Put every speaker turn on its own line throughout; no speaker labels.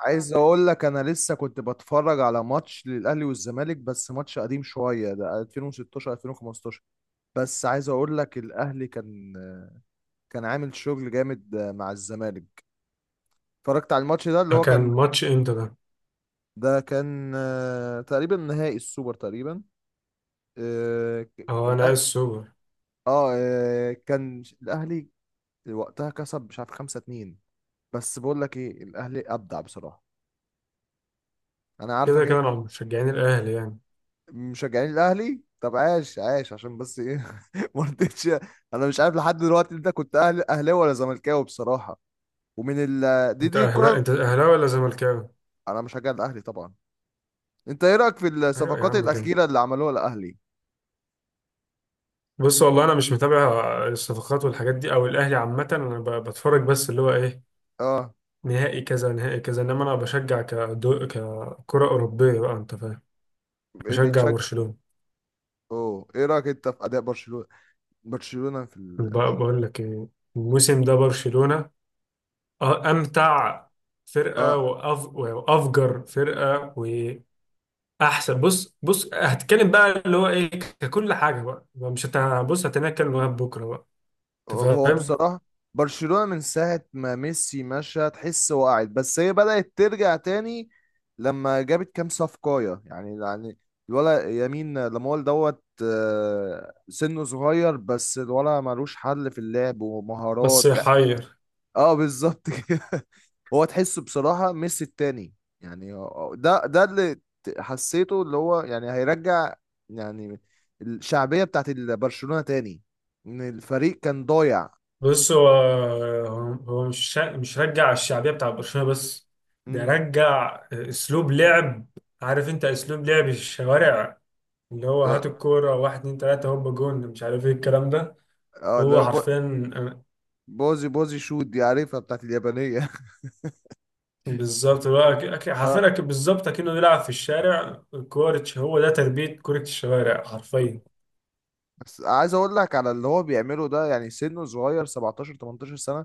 عايز اقول لك انا لسه كنت بتفرج على ماتش للاهلي والزمالك، بس ماتش قديم شويه ده 2016 2015. بس عايز اقول لك الاهلي كان عامل شغل جامد مع الزمالك. اتفرجت على الماتش ده اللي
آه،
هو
كان
كان
ماتش امتى ده؟
ده كان، تقريبا نهائي السوبر تقريبا. اه ك-
اه انا عايز
الأه-
سوبر.
كان الاهلي وقتها كسب مش عارف 5-2. بس بقول لك ايه، الاهلي ابدع بصراحه. انا
كده
عارفك
كده انا مشجعين الاهلي يعني.
مشجعين الاهلي. طب عاش عاش عشان بس ايه ما رضيتش. انا مش عارف لحد دلوقتي انت كنت اهلاوي ولا زملكاوي بصراحه. ومن ال دي
انت
دي
اهلا
الكره.
انت اهلاوي ولا زملكاوي؟
انا مشجع الاهلي طبعا. انت ايه رايك في
ايوه يا
الصفقات
عم كده.
الاخيره اللي عملوها الاهلي؟
بص والله انا مش متابع الصفقات والحاجات دي او الاهلي عامة. انا بتفرج بس اللي هو ايه
اه.
نهائي كذا نهائي كذا، انما انا بشجع ككرة اوروبية بقى، انت فاهم.
إيه
بشجع
بيتشجع.
برشلونة.
اوه، ايه رايك انت في اداء برشلونه؟ برشلونه في ال...
وبقى بقول لك ايه، الموسم ده برشلونة امتع فرقة
اه.
وافجر فرقة احسن. بص بص هتتكلم بقى اللي هو ايه ككل حاجه بقى. مش هت بص هتناكل لغايه بكره بقى، انت
هو
فاهم.
بصراحة برشلونة من ساعة ما ميسي مشى تحس وقعت، بس هي بدأت ترجع تاني لما جابت كام صفقاية، يعني الولا يمين لامول دوت، سنه صغير بس الولا ملوش حل في اللعب
بس
ومهارات، يعني بس.
يحير.
اه بالظبط كده. هو تحسه بصراحة ميسي التاني، يعني ده اللي حسيته، اللي هو يعني هيرجع يعني الشعبية بتاعت برشلونة تاني. ان الفريق كان ضايع.
بص هو هو مش رجع الشعبيه بتاع برشلونه بس، ده
امم.
رجع اسلوب لعب. عارف انت اسلوب لعب الشوارع، اللي هو هات
اه
الكوره واحد اتنين تلاته هوب جون مش عارف ايه الكلام ده.
آه، اللي
هو
هو
حرفيا
بوزي بوزي شوت، دي عارفها، بتاعت اليابانية.
بالظبط، هو حرفيا
اه،
بالظبط اكنه بيلعب في الشارع كورة. هو ده تربيه كره الشوارع حرفيا.
بس عايز اقول لك على اللي هو بيعمله ده، يعني سنه صغير 17 18 سنة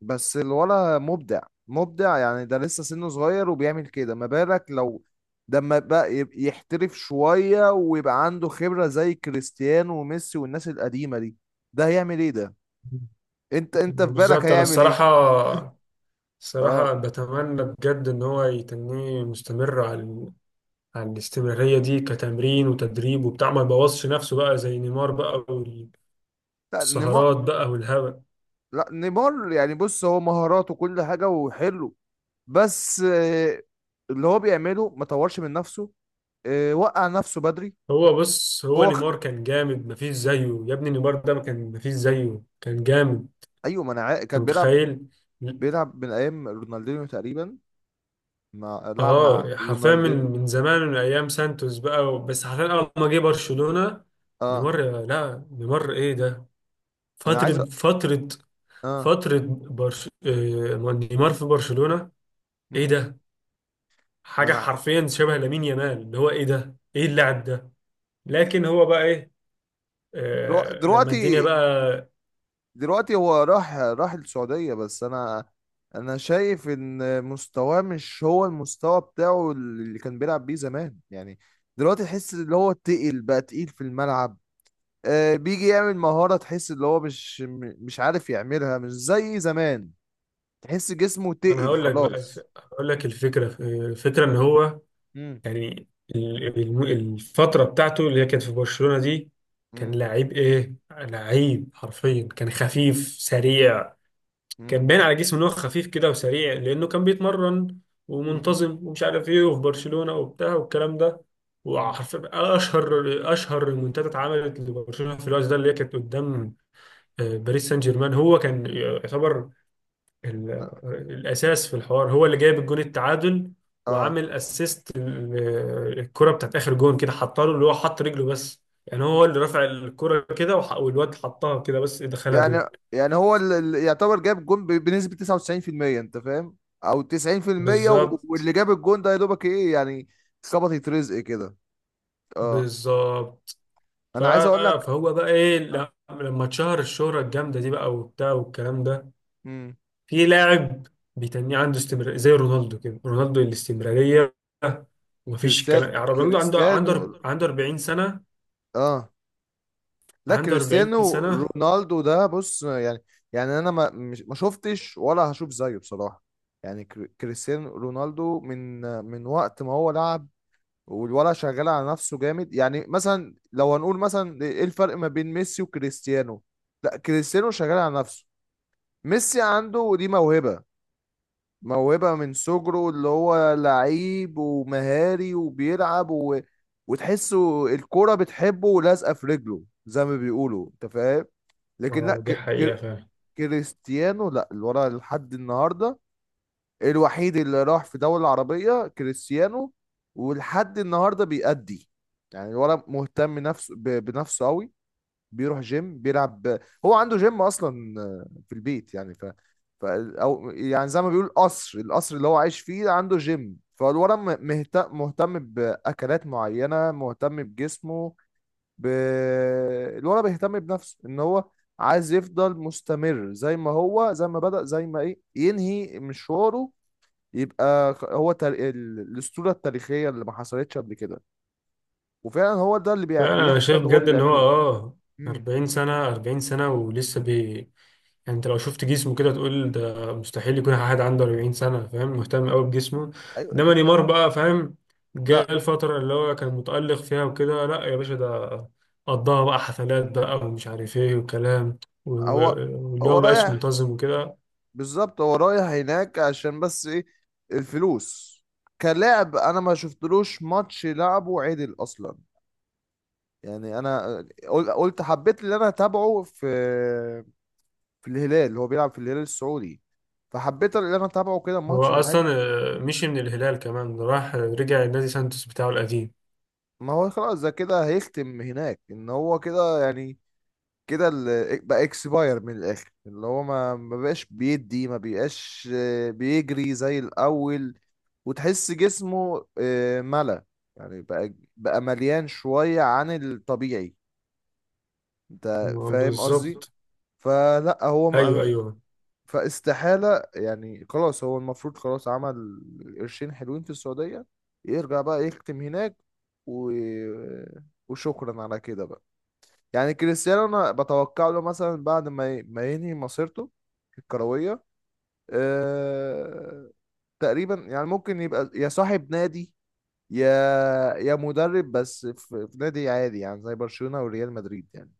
بس الولا مبدع. مبدع يعني، ده لسه سنه صغير وبيعمل كده، ما بالك لو ده لما بقى يحترف شوية ويبقى عنده خبرة زي كريستيانو وميسي والناس القديمة دي. ده هيعمل ايه ده؟ انت في بالك
بالظبط انا
هيعمل ايه؟ اه.
الصراحه بتمنى بجد ان هو يتنيه مستمر على الاستمراريه دي كتمرين وتدريب وبتاع، ما يبوظش نفسه بقى زي نيمار بقى
لا نيمار.
والسهرات بقى والهبل.
لا نيمار يعني، بص هو مهاراته كل حاجة وحلو، بس اللي هو بيعمله ما طورش من نفسه، وقع نفسه بدري.
هو بص، هو
هو خ...
نيمار كان جامد مفيش زيه يا ابني. نيمار ده ما كان مفيش زيه، كان جامد.
ايوه، ما انا
انت
كان بيلعب.
متخيل.
بيلعب من ايام رونالدينيو تقريبا، مع لعب مع
اه حرفيا من
رونالدينيو.
من زمان، من ايام سانتوس بقى، بس حرفيا اول ما جه برشلونه
اه
نيمار، لا نيمار ايه ده.
انا عايز
فترة فترة
اه
فترة برش... آه، نيمار في برشلونة، ايه
مم.
ده؟
ما
حاجة
انا حاجة.
حرفيا شبه لامين يامال. اللي هو ايه ده؟ ايه اللاعب ده؟ لكن هو بقى ايه؟
درو-
آه لما
دلوقتي
الدنيا بقى.
دلوقتي هو راح السعودية، بس انا شايف ان مستواه مش هو المستوى بتاعه اللي كان بيلعب بيه زمان يعني. دلوقتي تحس اللي هو تقل بقى، تقيل في الملعب. بيجي يعمل مهارة تحس اللي هو مش عارف يعملها، مش زي زمان. تحس جسمه
انا
تقل خلاص.
هقول لك الفكرة، الفكرة ان هو
امم.
يعني الفترة بتاعته اللي هي كانت في برشلونة دي، كان
مم.
لعيب ايه؟ لعيب حرفيا، كان خفيف سريع. كان
مم.
باين على جسمه ان هو خفيف كده وسريع لانه كان بيتمرن
مم.
ومنتظم ومش عارف ايه، وفي برشلونة وبتاع والكلام ده.
مم.
وحرفيا اشهر المنتدى اتعملت لبرشلونة في الوقت ده، اللي هي كانت قدام باريس سان جيرمان. هو كان يعتبر ال- الاساس في الحوار، هو اللي جايب الجون التعادل،
اه.
وعامل اسيست الكرة بتاعت اخر جون كده، حطها له اللي هو حط رجله بس، يعني هو اللي رفع الكرة كده والواد حطها كده بس دخلها
يعني
جون.
يعني هو اللي يعتبر جاب جون بنسبة 99%، انت فاهم، او 90%.
بالظبط.
واللي جاب الجون ده يا دوبك ايه يعني. خبطت رزق كده. اه
بالظبط. ف-
انا عايز اقول لك.
فهو بقى ايه
آه.
لما اتشهر الشهرة الجامدة دي بقى وبتاع والكلام ده،
مم.
في لاعب بيتنيه عنده استمرارية زي رونالدو كده. رونالدو الاستمرارية ومفيش
كريستيانو.
كلام. يعني رونالدو عنده
كريستيانو.
عنده عنده 40 سنة.
اه، لا
عنده 40
كريستيانو
سنة.
رونالدو ده، بص يعني، يعني انا ما شفتش ولا هشوف زيه بصراحة. يعني كريستيانو رونالدو من وقت ما هو لعب، والولا شغال على نفسه جامد. يعني مثلا لو هنقول مثلا ايه الفرق ما بين ميسي وكريستيانو، لا كريستيانو شغال على نفسه، ميسي عنده دي موهبة. موهبة من صغره، اللي هو لعيب ومهاري وبيلعب وتحسه الكرة بتحبه ولازقة في رجله زي ما بيقولوا، انت فاهم. لكن لا
اه دي حقيقة فعلا.
كريستيانو لا، اللي ورا لحد النهارده، الوحيد اللي راح في دولة عربية كريستيانو. ولحد النهارده بيأدي، يعني الولد مهتم نفسه بنفسه قوي. بيروح جيم، بيلعب. هو عنده جيم اصلا في البيت، يعني ف... ف او يعني زي ما بيقول القصر اللي هو عايش فيه عنده جيم. فالولد مهتم باكلات معينه، مهتم بجسمه ب... الولد بيهتم بنفسه ان هو عايز يفضل مستمر زي ما هو، زي ما بدأ، زي ما ايه ينهي مشواره. يبقى خ- هو تار... ال- الأسطورة التاريخية اللي ما حصلتش قبل كده. وفعلا هو ده اللي
فعلا انا
بيحصل،
شايف
وهو اللي
بجد ان هو
بيعمله.
اه
امم.
40 سنة، 40 سنة ولسه بي. يعني انت لو شفت جسمه كده تقول ده مستحيل يكون حد عنده 40 سنة. فاهم، مهتم قوي بجسمه.
ايوه.
انما نيمار بقى فاهم،
ده
جاء الفترة اللي هو كان متألق فيها وكده، لا يا باشا ده قضاها بقى حفلات بقى ومش عارف ايه وكلام، و-
هو
و- واللي
هو
هو مبقاش
رايح.
منتظم وكده.
بالظبط هو رايح هناك عشان بس ايه، الفلوس. كلاعب انا ما شفتلوش ماتش لعبه عدل اصلا، يعني انا قلت حبيت اللي انا اتابعه في الهلال، هو بيلعب في الهلال السعودي. فحبيت ان انا اتابعه كده
هو
ماتش ولا
اصلا
حاجه.
مشي من الهلال كمان راح رجع النادي سانتوس بتاعه القديم.
ما هو خلاص ده كده هيختم هناك، ان هو كده يعني. كده ال- إيه، بقى اكسباير من الاخر، اللي هو ما بقاش بيدي، ما بقاش، بيجري زي الاول. وتحس جسمه، ملى. يعني بقى مليان شويه عن الطبيعي، انت فاهم قصدي.
بالظبط.
فلا هو
ايوه ايوه.
فاستحالة، يعني خلاص هو المفروض خلاص عمل قرشين حلوين في السعودية، يرجع بقى يختم هناك و... وشكرا على كده بقى. يعني كريستيانو انا بتوقع له مثلا بعد ما ما ينهي مسيرته الكروية، أه... تقريبا يعني ممكن يبقى يا صاحب نادي يا مدرب. بس في نادي عادي يعني زي برشلونة وريال مدريد يعني.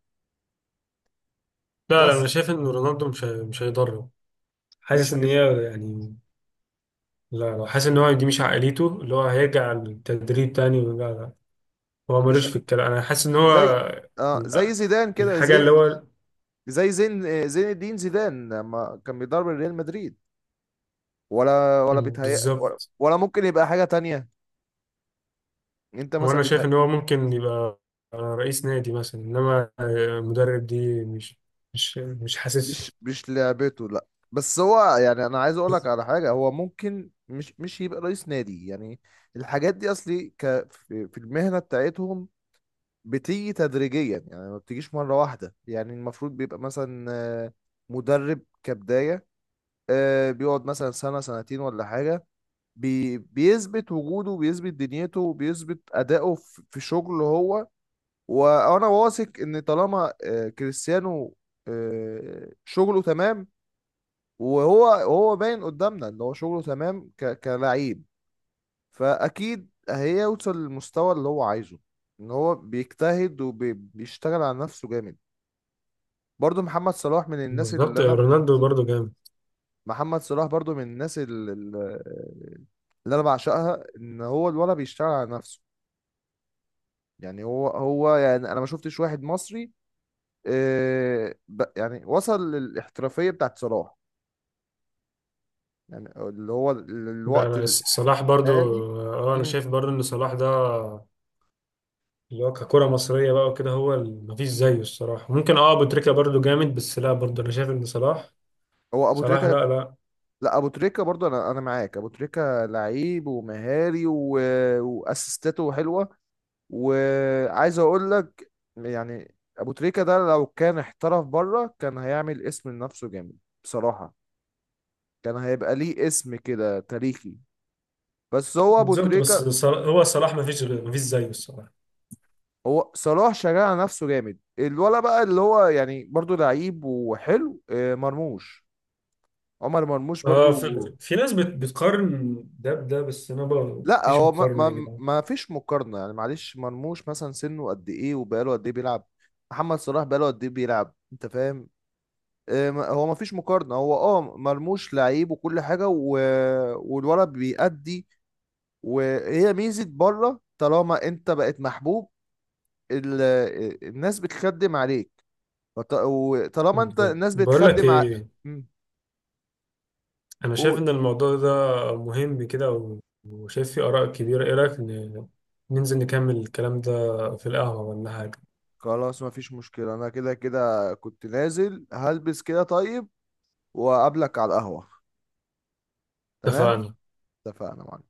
لا لا انا
بس
شايف ان رونالدو مش هيضره.
مش
حاسس ان
هي...
هي يعني، لا لا، حاسس ان هو دي مش عقليته اللي هو هيرجع للتدريب تاني ولا لا. هو
مش
ملوش
هي...
في الكلام، انا حاسس ان هو
زي اه زي
ال-
زيدان كده،
الحاجه
زي
اللي هو
زي زين الدين زيدان لما كان بيدرب ريال مدريد. ولا بيتهيأ، ولا,
بالظبط.
ولا ممكن يبقى حاجة تانية. انت مثلا
وانا شايف
بيتهيأ.
ان هو ممكن يبقى رئيس نادي مثلا، انما مدرب دي مش حاسس.
مش لعبته. لا بس هو يعني انا عايز اقول لك على حاجة، هو ممكن مش يبقى رئيس نادي يعني. الحاجات دي اصلي في المهنة بتاعتهم بتيجي تدريجيا، يعني ما بتجيش مرة واحدة، يعني المفروض بيبقى مثلا آه، مدرب كبداية، بيقعد مثلا سنة سنتين ولا حاجة. بيثبت وجوده، وبيثبت دنيته، وبيثبت أدائه في شغله هو. وأنا واثق إن طالما كريستيانو شغله تمام، وهو باين قدامنا إن هو شغله تمام كلاعب. فأكيد هيوصل للمستوى اللي هو عايزه، إن هو بيجتهد وبيشتغل على نفسه جامد. برضو محمد صلاح من الناس اللي
بالظبط
أنا
رونالدو برضو جامد.
محمد صلاح برضو من الناس اللي أنا بعشقها إن هو الولد بيشتغل على نفسه. يعني هو يعني انا ما شفتش واحد مصري، يعني وصل للاحترافية بتاعت صلاح، يعني اللي هو الوقت
ده صلاح برضو.
الحالي.
اه انا
مم.
شايف برضو ان صلاح ده اللي هو ككرة مصرية بقى وكده، هو مفيش زيه الصراحة. ممكن اه أبو تريكة برضه جامد، بس لا برضه أنا شايف إن صلاح،
هو ابو
صلاح،
تريكة.
لا لا.
لا ابو تريكة برضه، انا معاك ابو تريكة لعيب ومهاري واسيستاته حلوة. وعايز اقول لك، يعني ابو تريكة ده لو كان احترف بره كان هيعمل اسم لنفسه جامد بصراحة، كان هيبقى ليه اسم كده تاريخي. بس هو ابو
بالظبط بس
تريكة.
صلاح، هو صلاح مفيش غير- مفيش زيه الصراحة.
هو صلاح شغال على نفسه جامد. الولا بقى اللي هو يعني برضو لعيب وحلو، عمر مرموش
اه
برضو.
في ناس بتقارن ده بده، بس أنا بقى
لا
مفيش
هو ما,
مقارنة يا
ما,
جدعان.
ما فيش مقارنة، يعني معلش مرموش مثلا سنه قد ايه وبقاله قد ايه بيلعب، محمد صلاح بقاله قد ايه بيلعب، انت فاهم. هو ما فيش مقارنة. هو مرموش لعيب وكل حاجة والولد بيأدي. وهي ميزة بره، طالما انت بقت محبوب ال... الناس بتخدم عليك، وطالما انت
بالظبط.
الناس
بقول لك
بتخدم
إيه،
مم.
أنا شايف
قول
إن الموضوع ده مهم كده، وشايف فيه آراء كبيرة. إيه رأيك ننزل نكمل الكلام ده في القهوة ولا حاجة؟
خلاص. ما فيش مشكلة. انا كده كده كنت نازل هلبس كده. طيب وأقابلك على القهوة. تمام.
اتفقنا.
اتفقنا معاك.